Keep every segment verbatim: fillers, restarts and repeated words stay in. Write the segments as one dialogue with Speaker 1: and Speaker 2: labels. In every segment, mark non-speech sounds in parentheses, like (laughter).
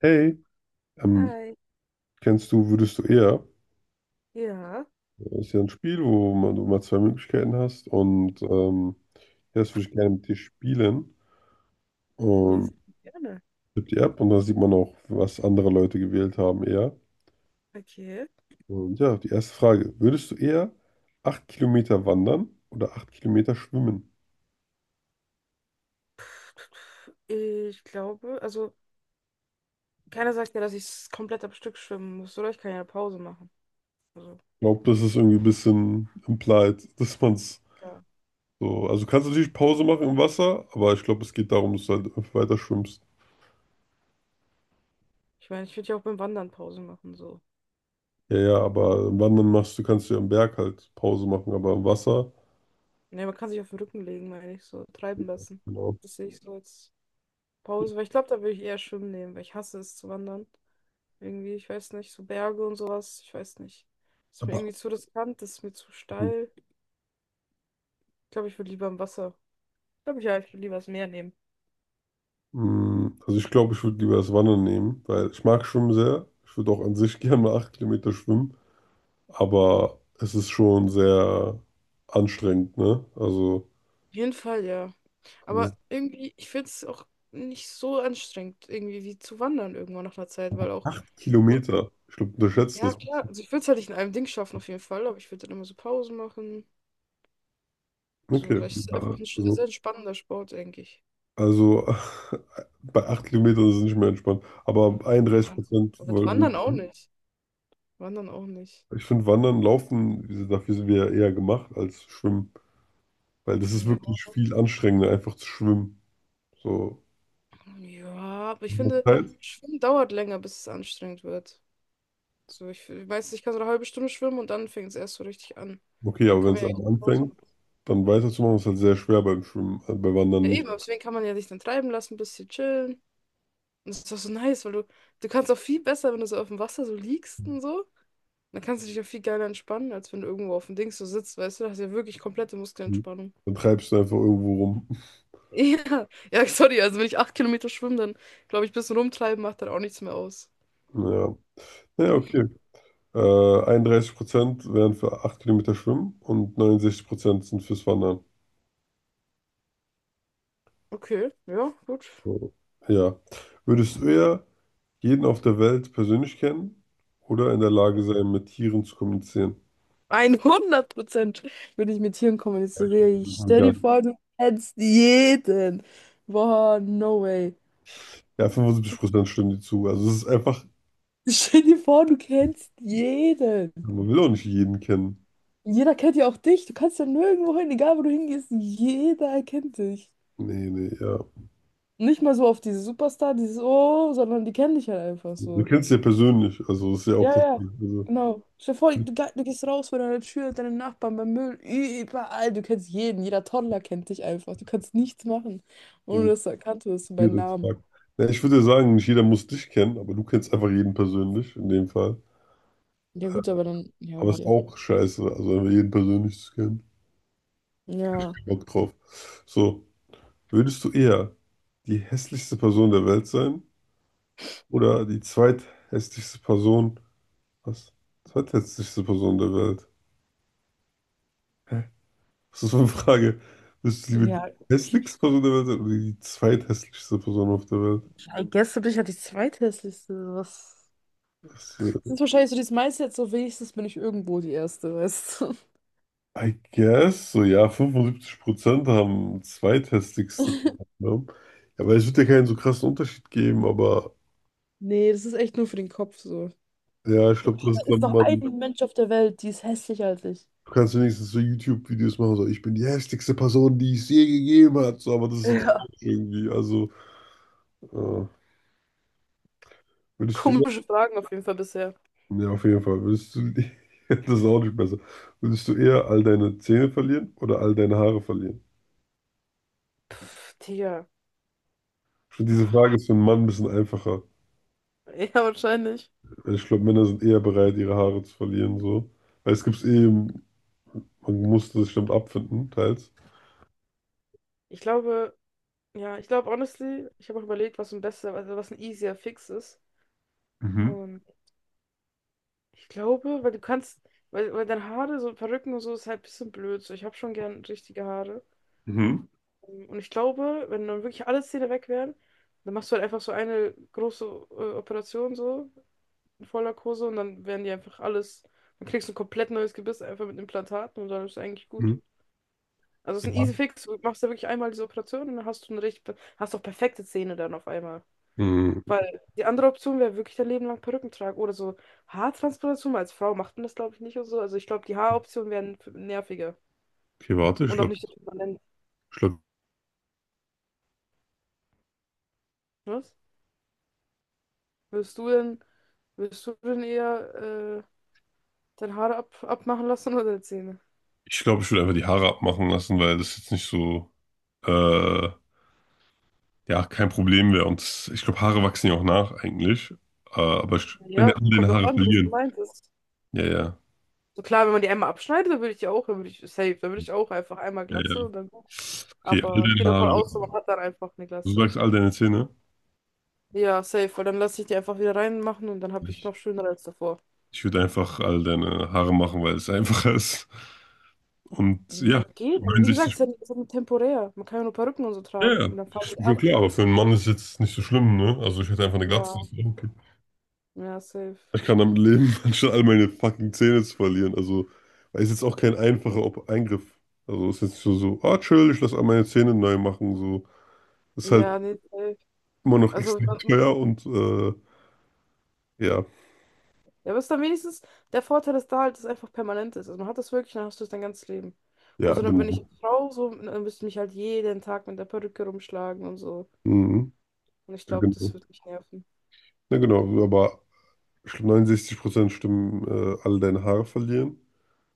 Speaker 1: Hey, ähm,
Speaker 2: Hi.
Speaker 1: kennst du, würdest du eher?
Speaker 2: Ja,
Speaker 1: Das ist ja ein Spiel, wo man, du mal zwei Möglichkeiten hast und ähm, ja, das würde ich gerne mit dir spielen.
Speaker 2: ja,
Speaker 1: Und
Speaker 2: sehr gerne.
Speaker 1: tippt die App und dann sieht man auch, was andere Leute gewählt haben eher.
Speaker 2: Okay.
Speaker 1: Und ja, die erste Frage, würdest du eher acht Kilometer wandern oder acht Kilometer schwimmen?
Speaker 2: Ich glaube, also keiner sagt ja, dass ich komplett am Stück schwimmen muss, oder? Ich kann ja eine Pause machen. Also,
Speaker 1: Ich glaube, das ist irgendwie ein bisschen implied, (laughs) dass man es
Speaker 2: ja.
Speaker 1: so, also du kannst natürlich Pause machen im Wasser, aber ich glaube, es geht darum, dass du halt weiter schwimmst.
Speaker 2: Ich meine, ich würde ja auch beim Wandern Pause machen, so.
Speaker 1: Ja, ja, aber wandern machst du, kannst du am Berg halt Pause machen, aber am Wasser.
Speaker 2: Ne, man kann sich auf den Rücken legen, meine ich, so treiben lassen.
Speaker 1: Genau.
Speaker 2: Das sehe ich so als Pause, weil ich glaube, da würde ich eher schwimmen nehmen, weil ich hasse es zu wandern. Irgendwie, ich weiß nicht, so Berge und sowas, ich weiß nicht. Ist mir
Speaker 1: Aber,
Speaker 2: irgendwie zu riskant, ist mir zu steil. Ich glaube, ich würde lieber im Wasser. Ich glaube, ja, ich würde lieber das Meer nehmen.
Speaker 1: mh, also ich glaube, ich würde lieber das Wandern nehmen, weil ich mag Schwimmen sehr. Ich würde auch an sich (laughs) gerne mal acht Kilometer schwimmen, aber es ist schon sehr anstrengend, ne? Also
Speaker 2: Jeden Fall, ja.
Speaker 1: das ist
Speaker 2: Aber irgendwie, ich finde es auch nicht so anstrengend, irgendwie wie zu wandern irgendwann nach einer Zeit, weil auch, so,
Speaker 1: Kilometer. Ich glaube, du unterschätzt
Speaker 2: ja
Speaker 1: das ein
Speaker 2: klar,
Speaker 1: bisschen.
Speaker 2: also ich würde es halt nicht in einem Ding schaffen auf jeden Fall, aber ich würde dann immer so Pausen machen. So,
Speaker 1: Okay.
Speaker 2: weil es ist
Speaker 1: Ja,
Speaker 2: einfach ein sch- sehr
Speaker 1: also,
Speaker 2: entspannender Sport, denke ich.
Speaker 1: also (laughs) bei acht Kilometern ist es nicht mehr entspannt. Aber 31
Speaker 2: Ja.
Speaker 1: Prozent
Speaker 2: Aber
Speaker 1: würde
Speaker 2: wandern auch nicht. Wandern auch nicht.
Speaker 1: Ich finde Wandern, Laufen, wie gesagt, dafür sind wir ja eher gemacht als Schwimmen. Weil das ist
Speaker 2: Ja.
Speaker 1: wirklich viel anstrengender, einfach zu schwimmen. So,
Speaker 2: Ja, aber ich
Speaker 1: mit
Speaker 2: finde,
Speaker 1: der Zeit.
Speaker 2: Schwimmen dauert länger, bis es anstrengend wird. So, ich, ich weiß nicht, ich kann so eine halbe Stunde schwimmen und dann fängt es erst so richtig an.
Speaker 1: Okay,
Speaker 2: Dann
Speaker 1: aber wenn
Speaker 2: kann
Speaker 1: es
Speaker 2: man ja echt
Speaker 1: einmal
Speaker 2: Pause
Speaker 1: anfängt,
Speaker 2: machen.
Speaker 1: dann weiterzumachen, ist halt sehr schwer beim Schwimmen, äh, bei Wandern
Speaker 2: Ja,
Speaker 1: nicht.
Speaker 2: eben, aber deswegen kann man ja sich dann treiben lassen, ein bisschen chillen. Und das ist doch so nice, weil du, du kannst auch viel besser, wenn du so auf dem Wasser so liegst und so. Dann kannst du dich auch viel geiler entspannen, als wenn du irgendwo auf dem Dings so sitzt, weißt du, da hast du ja wirklich komplette Muskelentspannung. (laughs)
Speaker 1: Dann treibst du einfach irgendwo rum. (laughs)
Speaker 2: Ja, ja, sorry, also wenn ich acht Kilometer schwimme, dann glaube ich, ein bisschen rumtreiben macht dann auch nichts mehr aus.
Speaker 1: Ja, ja, okay. Äh, Einunddreißig Prozent wären für acht Kilometer Schwimmen und neunundsechzig Prozent sind fürs Wandern.
Speaker 2: Okay, ja, gut.
Speaker 1: So. Ja. Würdest du eher jeden auf der Welt persönlich kennen oder in der Lage sein, mit Tieren zu kommunizieren?
Speaker 2: hundert Prozent würde ich mit Tieren kommunizieren. Ich stell
Speaker 1: Egal.
Speaker 2: dir vor, du kennst jeden. Boah, no way.
Speaker 1: Ja, fünfundsiebzig Prozent stimmen dir zu. Also es ist einfach,
Speaker 2: Stell dir vor, du kennst jeden.
Speaker 1: man will auch nicht jeden kennen.
Speaker 2: Jeder kennt ja auch dich. Du kannst ja nirgendwo hin, egal wo du hingehst. Jeder erkennt dich.
Speaker 1: Nee, nee, ja.
Speaker 2: Nicht mal so auf diese Superstar, dieses Oh, sondern die kennen dich halt einfach
Speaker 1: Du
Speaker 2: so.
Speaker 1: kennst ja persönlich, also das ist ja auch
Speaker 2: Ja,
Speaker 1: das
Speaker 2: ja.
Speaker 1: Ding. Also,
Speaker 2: Genau. Stell dir vor, du, ge- du gehst raus vor deiner Tür, deine Nachbarn beim Müll, überall. Du kennst jeden. Jeder Toddler kennt dich einfach. Du kannst nichts machen, ohne
Speaker 1: wo
Speaker 2: dass du erkannt wirst bei
Speaker 1: wir das
Speaker 2: Namen.
Speaker 1: fragen. Ja, ich würde ja sagen, nicht jeder muss dich kennen, aber du kennst einfach jeden persönlich in dem Fall.
Speaker 2: Ja, gut, aber dann. Ja,
Speaker 1: Aber es ist
Speaker 2: okay.
Speaker 1: auch scheiße, also einfach jeden persönlich zu kennen.
Speaker 2: Ja.
Speaker 1: Kein Bock drauf. So, würdest du eher die hässlichste Person der Welt sein oder die zweithässlichste Person, was? Zweithässlichste Person der Welt? Was ist meine Frage? Bist du lieber die
Speaker 2: Ja,
Speaker 1: hässlichste Person der Welt oder die zweithässlichste Person auf der Welt?
Speaker 2: I guess du bist ja die zweithässlichste. Was?
Speaker 1: Das, äh,
Speaker 2: Das ist wahrscheinlich so dieses Mindset, so wenigstens bin ich irgendwo die Erste, weißt du?
Speaker 1: I guess, so ja, fünfundsiebzig Prozent haben zweithässlichste Person. Ne? Ja, weil es wird ja keinen so krassen Unterschied geben, aber
Speaker 2: Nee, das ist echt nur für den Kopf so.
Speaker 1: ja, ich
Speaker 2: So,
Speaker 1: glaube,
Speaker 2: ah,
Speaker 1: das
Speaker 2: da
Speaker 1: ist dann
Speaker 2: ist noch
Speaker 1: man.
Speaker 2: ein Mensch auf der Welt, die ist hässlicher als ich.
Speaker 1: Du kannst wenigstens so YouTube-Videos machen, so ich bin die hässlichste Person, die es je gegeben hat, so, aber das ist so
Speaker 2: Ja,
Speaker 1: traurig irgendwie. Also, äh,
Speaker 2: (laughs)
Speaker 1: würdest du
Speaker 2: komische Fragen auf jeden Fall bisher.
Speaker 1: Ja, auf jeden Fall. Würdest du, (laughs) das ist auch nicht besser. Würdest du eher all deine Zähne verlieren oder all deine Haare verlieren?
Speaker 2: Pff, Digga.
Speaker 1: Ich finde, diese Frage ist für einen Mann ein bisschen einfacher.
Speaker 2: Ja, wahrscheinlich.
Speaker 1: Weil ich glaube, Männer sind eher bereit, ihre Haare zu verlieren, so. Weil es gibt eh, man muss das bestimmt abfinden, teils.
Speaker 2: Ich glaube, ja, ich glaube, honestly, ich habe auch überlegt, was ein besser, also was ein easier Fix ist.
Speaker 1: Mhm.
Speaker 2: Und ich glaube, weil du kannst, weil, weil deine Haare, so Perücken und so, ist halt ein bisschen blöd. So, ich habe schon gern richtige Haare.
Speaker 1: Mhm.
Speaker 2: Und ich glaube, wenn dann wirklich alle Zähne weg wären, dann machst du halt einfach so eine große äh, Operation so. In Vollnarkose und dann werden die einfach alles. Dann kriegst du ein komplett neues Gebiss einfach mit Implantaten und dann ist es eigentlich gut.
Speaker 1: Mhm.
Speaker 2: Also es ist ein
Speaker 1: Ja.
Speaker 2: easy fix. Du machst ja wirklich einmal diese Operation und dann hast du eine richtig, hast auch perfekte Zähne dann auf einmal.
Speaker 1: Mhm.
Speaker 2: Weil die andere Option wäre wirklich dein Leben lang Perücken tragen oder so Haartransplantation. Als Frau macht man das, glaube ich, nicht und so. Also ich glaube, die Haaroptionen wären f- nerviger
Speaker 1: Okay, warte, ich
Speaker 2: und auch
Speaker 1: glaube,
Speaker 2: nicht so permanent. Was? Willst du denn, willst du denn eher äh, deine Haare ab, abmachen lassen oder deine Zähne?
Speaker 1: ich glaube, ich würde einfach die Haare abmachen lassen, weil das jetzt nicht so, äh, ja, kein Problem wäre. Und ich glaube, Haare wachsen ja auch nach eigentlich. Äh, aber ich, wenn
Speaker 2: Ja,
Speaker 1: der alle
Speaker 2: kommt
Speaker 1: deine
Speaker 2: drauf
Speaker 1: Haare
Speaker 2: an, wie das
Speaker 1: verlieren.
Speaker 2: gemeint ist.
Speaker 1: Ja, ja.
Speaker 2: So klar, wenn man die einmal abschneidet, dann würde ich die auch, dann würde ich safe, dann würde ich auch einfach einmal
Speaker 1: Ja,
Speaker 2: Glatze
Speaker 1: ja.
Speaker 2: und dann.
Speaker 1: Okay, all
Speaker 2: Aber ich
Speaker 1: deine
Speaker 2: gehe davon
Speaker 1: Haare.
Speaker 2: aus, man hat dann einfach eine
Speaker 1: Du
Speaker 2: Glatze.
Speaker 1: sagst all deine Zähne.
Speaker 2: Ja, safe, weil dann lasse ich die einfach wieder reinmachen und dann habe ich
Speaker 1: Ich,
Speaker 2: noch schöner als davor.
Speaker 1: ich würde einfach all deine Haare machen, weil es einfacher ist. Und
Speaker 2: Mhm.
Speaker 1: ja,
Speaker 2: Geht, aber wie gesagt,
Speaker 1: neunundsechzig.
Speaker 2: ist ja, ist ja nur temporär. Man kann ja nur Perücken und so
Speaker 1: Ja,
Speaker 2: tragen
Speaker 1: ja,
Speaker 2: und dann fahren
Speaker 1: ist
Speaker 2: die
Speaker 1: bin schon
Speaker 2: ab.
Speaker 1: klar, aber für einen Mann ist jetzt nicht so schlimm, ne? Also ich hätte einfach eine Glatze.
Speaker 2: Ja,
Speaker 1: Das wäre okay.
Speaker 2: ja, safe.
Speaker 1: Ich kann damit leben, (laughs) anstatt all meine fucking Zähne zu verlieren. Also, weil es ist jetzt auch kein einfacher Ob Eingriff. Also ist jetzt nicht so, so, ah, chill, ich lasse all meine Zähne neu machen. So, ist halt
Speaker 2: Ja, nee, safe.
Speaker 1: immer noch
Speaker 2: Also,
Speaker 1: extrem
Speaker 2: man,
Speaker 1: teuer und äh, ja,
Speaker 2: ja, aber ist dann wenigstens, der Vorteil ist da halt, dass es einfach permanent ist. Also man hat das wirklich, dann hast du es dein ganzes Leben.
Speaker 1: ja,
Speaker 2: Und so, wenn ich
Speaker 1: genau.
Speaker 2: als Frau so, dann müsste ich mich halt jeden Tag mit der Perücke rumschlagen und so.
Speaker 1: Mhm.
Speaker 2: Und ich
Speaker 1: Ja,
Speaker 2: glaube, das
Speaker 1: genau.
Speaker 2: wird mich nerven.
Speaker 1: Na genau, aber neunundsechzig Prozent stimmen, äh, alle deine Haare verlieren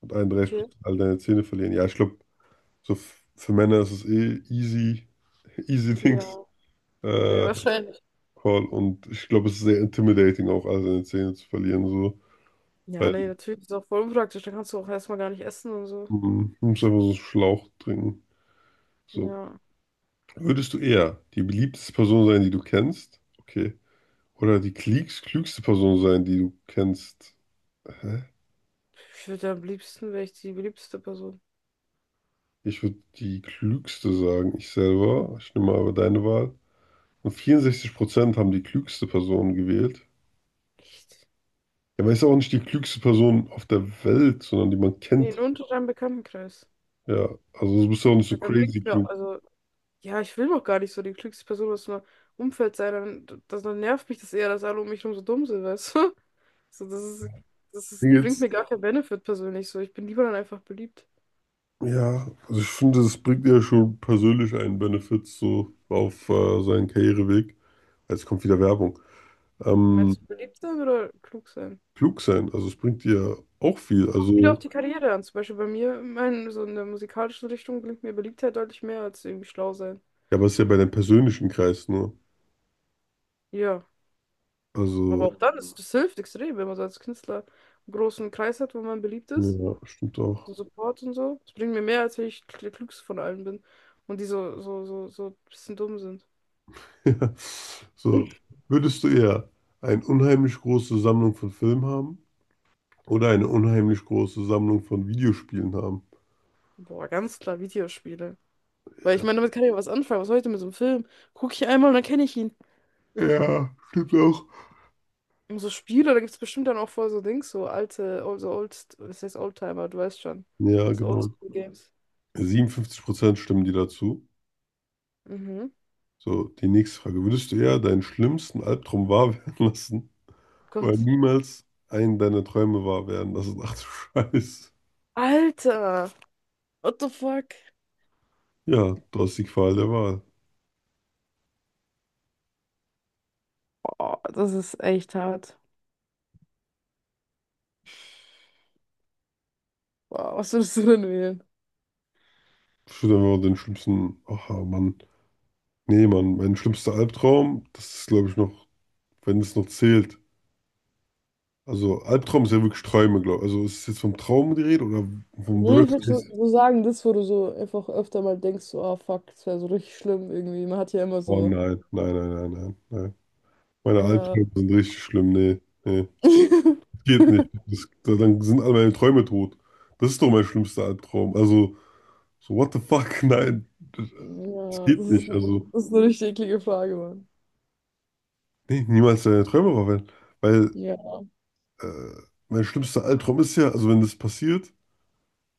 Speaker 1: und
Speaker 2: Okay.
Speaker 1: einunddreißig Prozent alle deine Zähne verlieren. Ja, ich glaube, so f- für Männer ist es eh easy, (laughs) easy things,
Speaker 2: Ja. Ja,
Speaker 1: äh,
Speaker 2: wahrscheinlich.
Speaker 1: Call. Und ich glaube, es ist sehr intimidating, auch alle seine Zähne zu verlieren, so.
Speaker 2: Ja,
Speaker 1: Weil
Speaker 2: nee, natürlich ist auch voll unpraktisch. Dann kannst du auch erstmal gar nicht essen und so.
Speaker 1: mm, du musst einfach so einen Schlauch trinken. So.
Speaker 2: Ja.
Speaker 1: Würdest du eher die beliebteste Person sein, die du kennst? Okay. Oder die klügst- klügste Person sein, die du kennst? Hä?
Speaker 2: Ich würde am liebsten, wäre ich die beliebteste Person.
Speaker 1: Ich würde die klügste sagen, ich selber. Ich nehme aber deine Wahl. Und vierundsechzig Prozent haben die klügste Person gewählt.
Speaker 2: Echt?
Speaker 1: Ja, aber ist auch nicht die klügste Person auf der Welt, sondern die man
Speaker 2: Ja, nee,
Speaker 1: kennt.
Speaker 2: nur unter deinem Bekanntenkreis.
Speaker 1: Ja, also du bist ja auch nicht so
Speaker 2: Weil dann
Speaker 1: crazy
Speaker 2: bringt's mir,
Speaker 1: klug.
Speaker 2: also, ja, ich will doch gar nicht so die klügste Person aus meinem Umfeld sein. Dann, das, dann nervt mich das eher, dass alle um mich herum so dumm sind, weißt du? (laughs) So, das ist, das ist,
Speaker 1: Mir
Speaker 2: bringt
Speaker 1: Jetzt,
Speaker 2: mir gar keinen Benefit persönlich. So, ich bin lieber dann einfach beliebt.
Speaker 1: ja, also ich finde, das bringt ja schon persönlich einen Benefit so auf äh, seinen Karriereweg. Jetzt kommt wieder Werbung. Ähm,
Speaker 2: Meinst du beliebt sein oder klug sein?
Speaker 1: klug sein, also es bringt dir auch viel.
Speaker 2: Wieder auf
Speaker 1: Also,
Speaker 2: die Karriere an. Zum Beispiel bei mir, mein, so in der musikalischen Richtung bringt mir Beliebtheit deutlich mehr als irgendwie schlau sein.
Speaker 1: ja, aber es ist ja bei deinem persönlichen Kreis nur.
Speaker 2: Ja, aber
Speaker 1: Also,
Speaker 2: auch dann, das, mhm, das hilft extrem, wenn man so als Künstler einen großen Kreis hat, wo man beliebt ist.
Speaker 1: ja, stimmt auch.
Speaker 2: So Support und so. Das bringt mir mehr, als wenn ich der Klügste von allen bin. Und die so, so, so, so ein bisschen dumm sind.
Speaker 1: (laughs) Ja. So,
Speaker 2: (laughs)
Speaker 1: würdest du eher eine unheimlich große Sammlung von Filmen haben oder eine unheimlich große Sammlung von Videospielen haben?
Speaker 2: Boah, ganz klar Videospiele. Weil ich meine, damit kann ich ja was anfangen. Was soll ich denn mit so einem Film? Gucke ich einmal und dann kenne ich ihn.
Speaker 1: Ja, stimmt auch.
Speaker 2: Und so Spiele, da gibt es bestimmt dann auch voll so Dings, so alte, so old, was heißt Oldtimer, du weißt schon.
Speaker 1: Ja,
Speaker 2: So
Speaker 1: genau.
Speaker 2: Oldschool-Games.
Speaker 1: Siebenundfünfzig Prozent stimmen dir dazu.
Speaker 2: Mhm.
Speaker 1: So, die nächste Frage. Würdest du eher deinen schlimmsten Albtraum wahr werden lassen oder
Speaker 2: Gott.
Speaker 1: niemals einen deiner Träume wahr werden lassen? Ach du Scheiß.
Speaker 2: Alter! What the fuck?
Speaker 1: Ja, du hast die Qual der Wahl.
Speaker 2: Oh, das ist echt hart. Wow, was würdest du denn wählen?
Speaker 1: Ich würde einfach den schlimmsten. Ach, Mann. Nee, Mann, mein schlimmster Albtraum, das ist, glaube ich, noch. Wenn es noch zählt. Also Albtraum ist ja wirklich Träume, glaube ich. Also ist es jetzt vom Traum die Rede oder vom
Speaker 2: Nee, ich
Speaker 1: Worst
Speaker 2: würde so
Speaker 1: Case?
Speaker 2: so sagen, das, wo du so einfach öfter mal denkst, so, ah, fuck, das wäre so richtig schlimm irgendwie. Man hat ja immer
Speaker 1: Oh
Speaker 2: so,
Speaker 1: nein, nein, nein, nein, nein, nein. Meine
Speaker 2: ja.
Speaker 1: Albträume sind richtig schlimm. Nee, nee. Geht nicht.
Speaker 2: (laughs)
Speaker 1: Das, da- dann sind all meine Träume tot. Das ist doch mein schlimmster Albtraum. Also, so what the fuck? (laughs) Nein, das, das
Speaker 2: Ja, das
Speaker 1: geht
Speaker 2: ist,
Speaker 1: nicht.
Speaker 2: ne-
Speaker 1: Also,
Speaker 2: das ist eine richtig eklige Frage, Mann.
Speaker 1: nee, niemals deine Träume verwenden. Weil
Speaker 2: Ja.
Speaker 1: äh, mein schlimmster Albtraum ist ja, also wenn das passiert,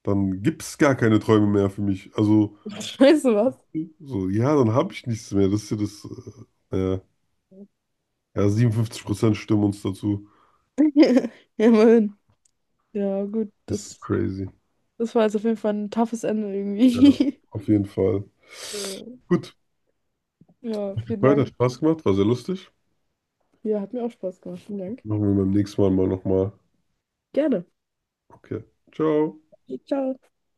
Speaker 1: dann gibt es gar keine Träume mehr für mich. Also,
Speaker 2: (laughs) Weißt du was?
Speaker 1: so, ja, dann habe ich nichts mehr. Das ist ja das. Äh, ja, ja, siebenundfünfzig Prozent stimmen uns dazu.
Speaker 2: (laughs) Ja, immerhin. Ja, gut,
Speaker 1: Das ist
Speaker 2: das,
Speaker 1: crazy.
Speaker 2: das war jetzt auf jeden Fall ein toughes Ende
Speaker 1: Ja,
Speaker 2: irgendwie. (laughs)
Speaker 1: auf jeden Fall.
Speaker 2: Äh,
Speaker 1: Gut,
Speaker 2: Ja, vielen
Speaker 1: hat
Speaker 2: Dank.
Speaker 1: Spaß gemacht, war sehr lustig.
Speaker 2: Ja, hat mir auch Spaß gemacht. Vielen Dank.
Speaker 1: Machen wir beim nächsten Mal mal nochmal.
Speaker 2: Gerne.
Speaker 1: Okay, ciao.
Speaker 2: Ciao.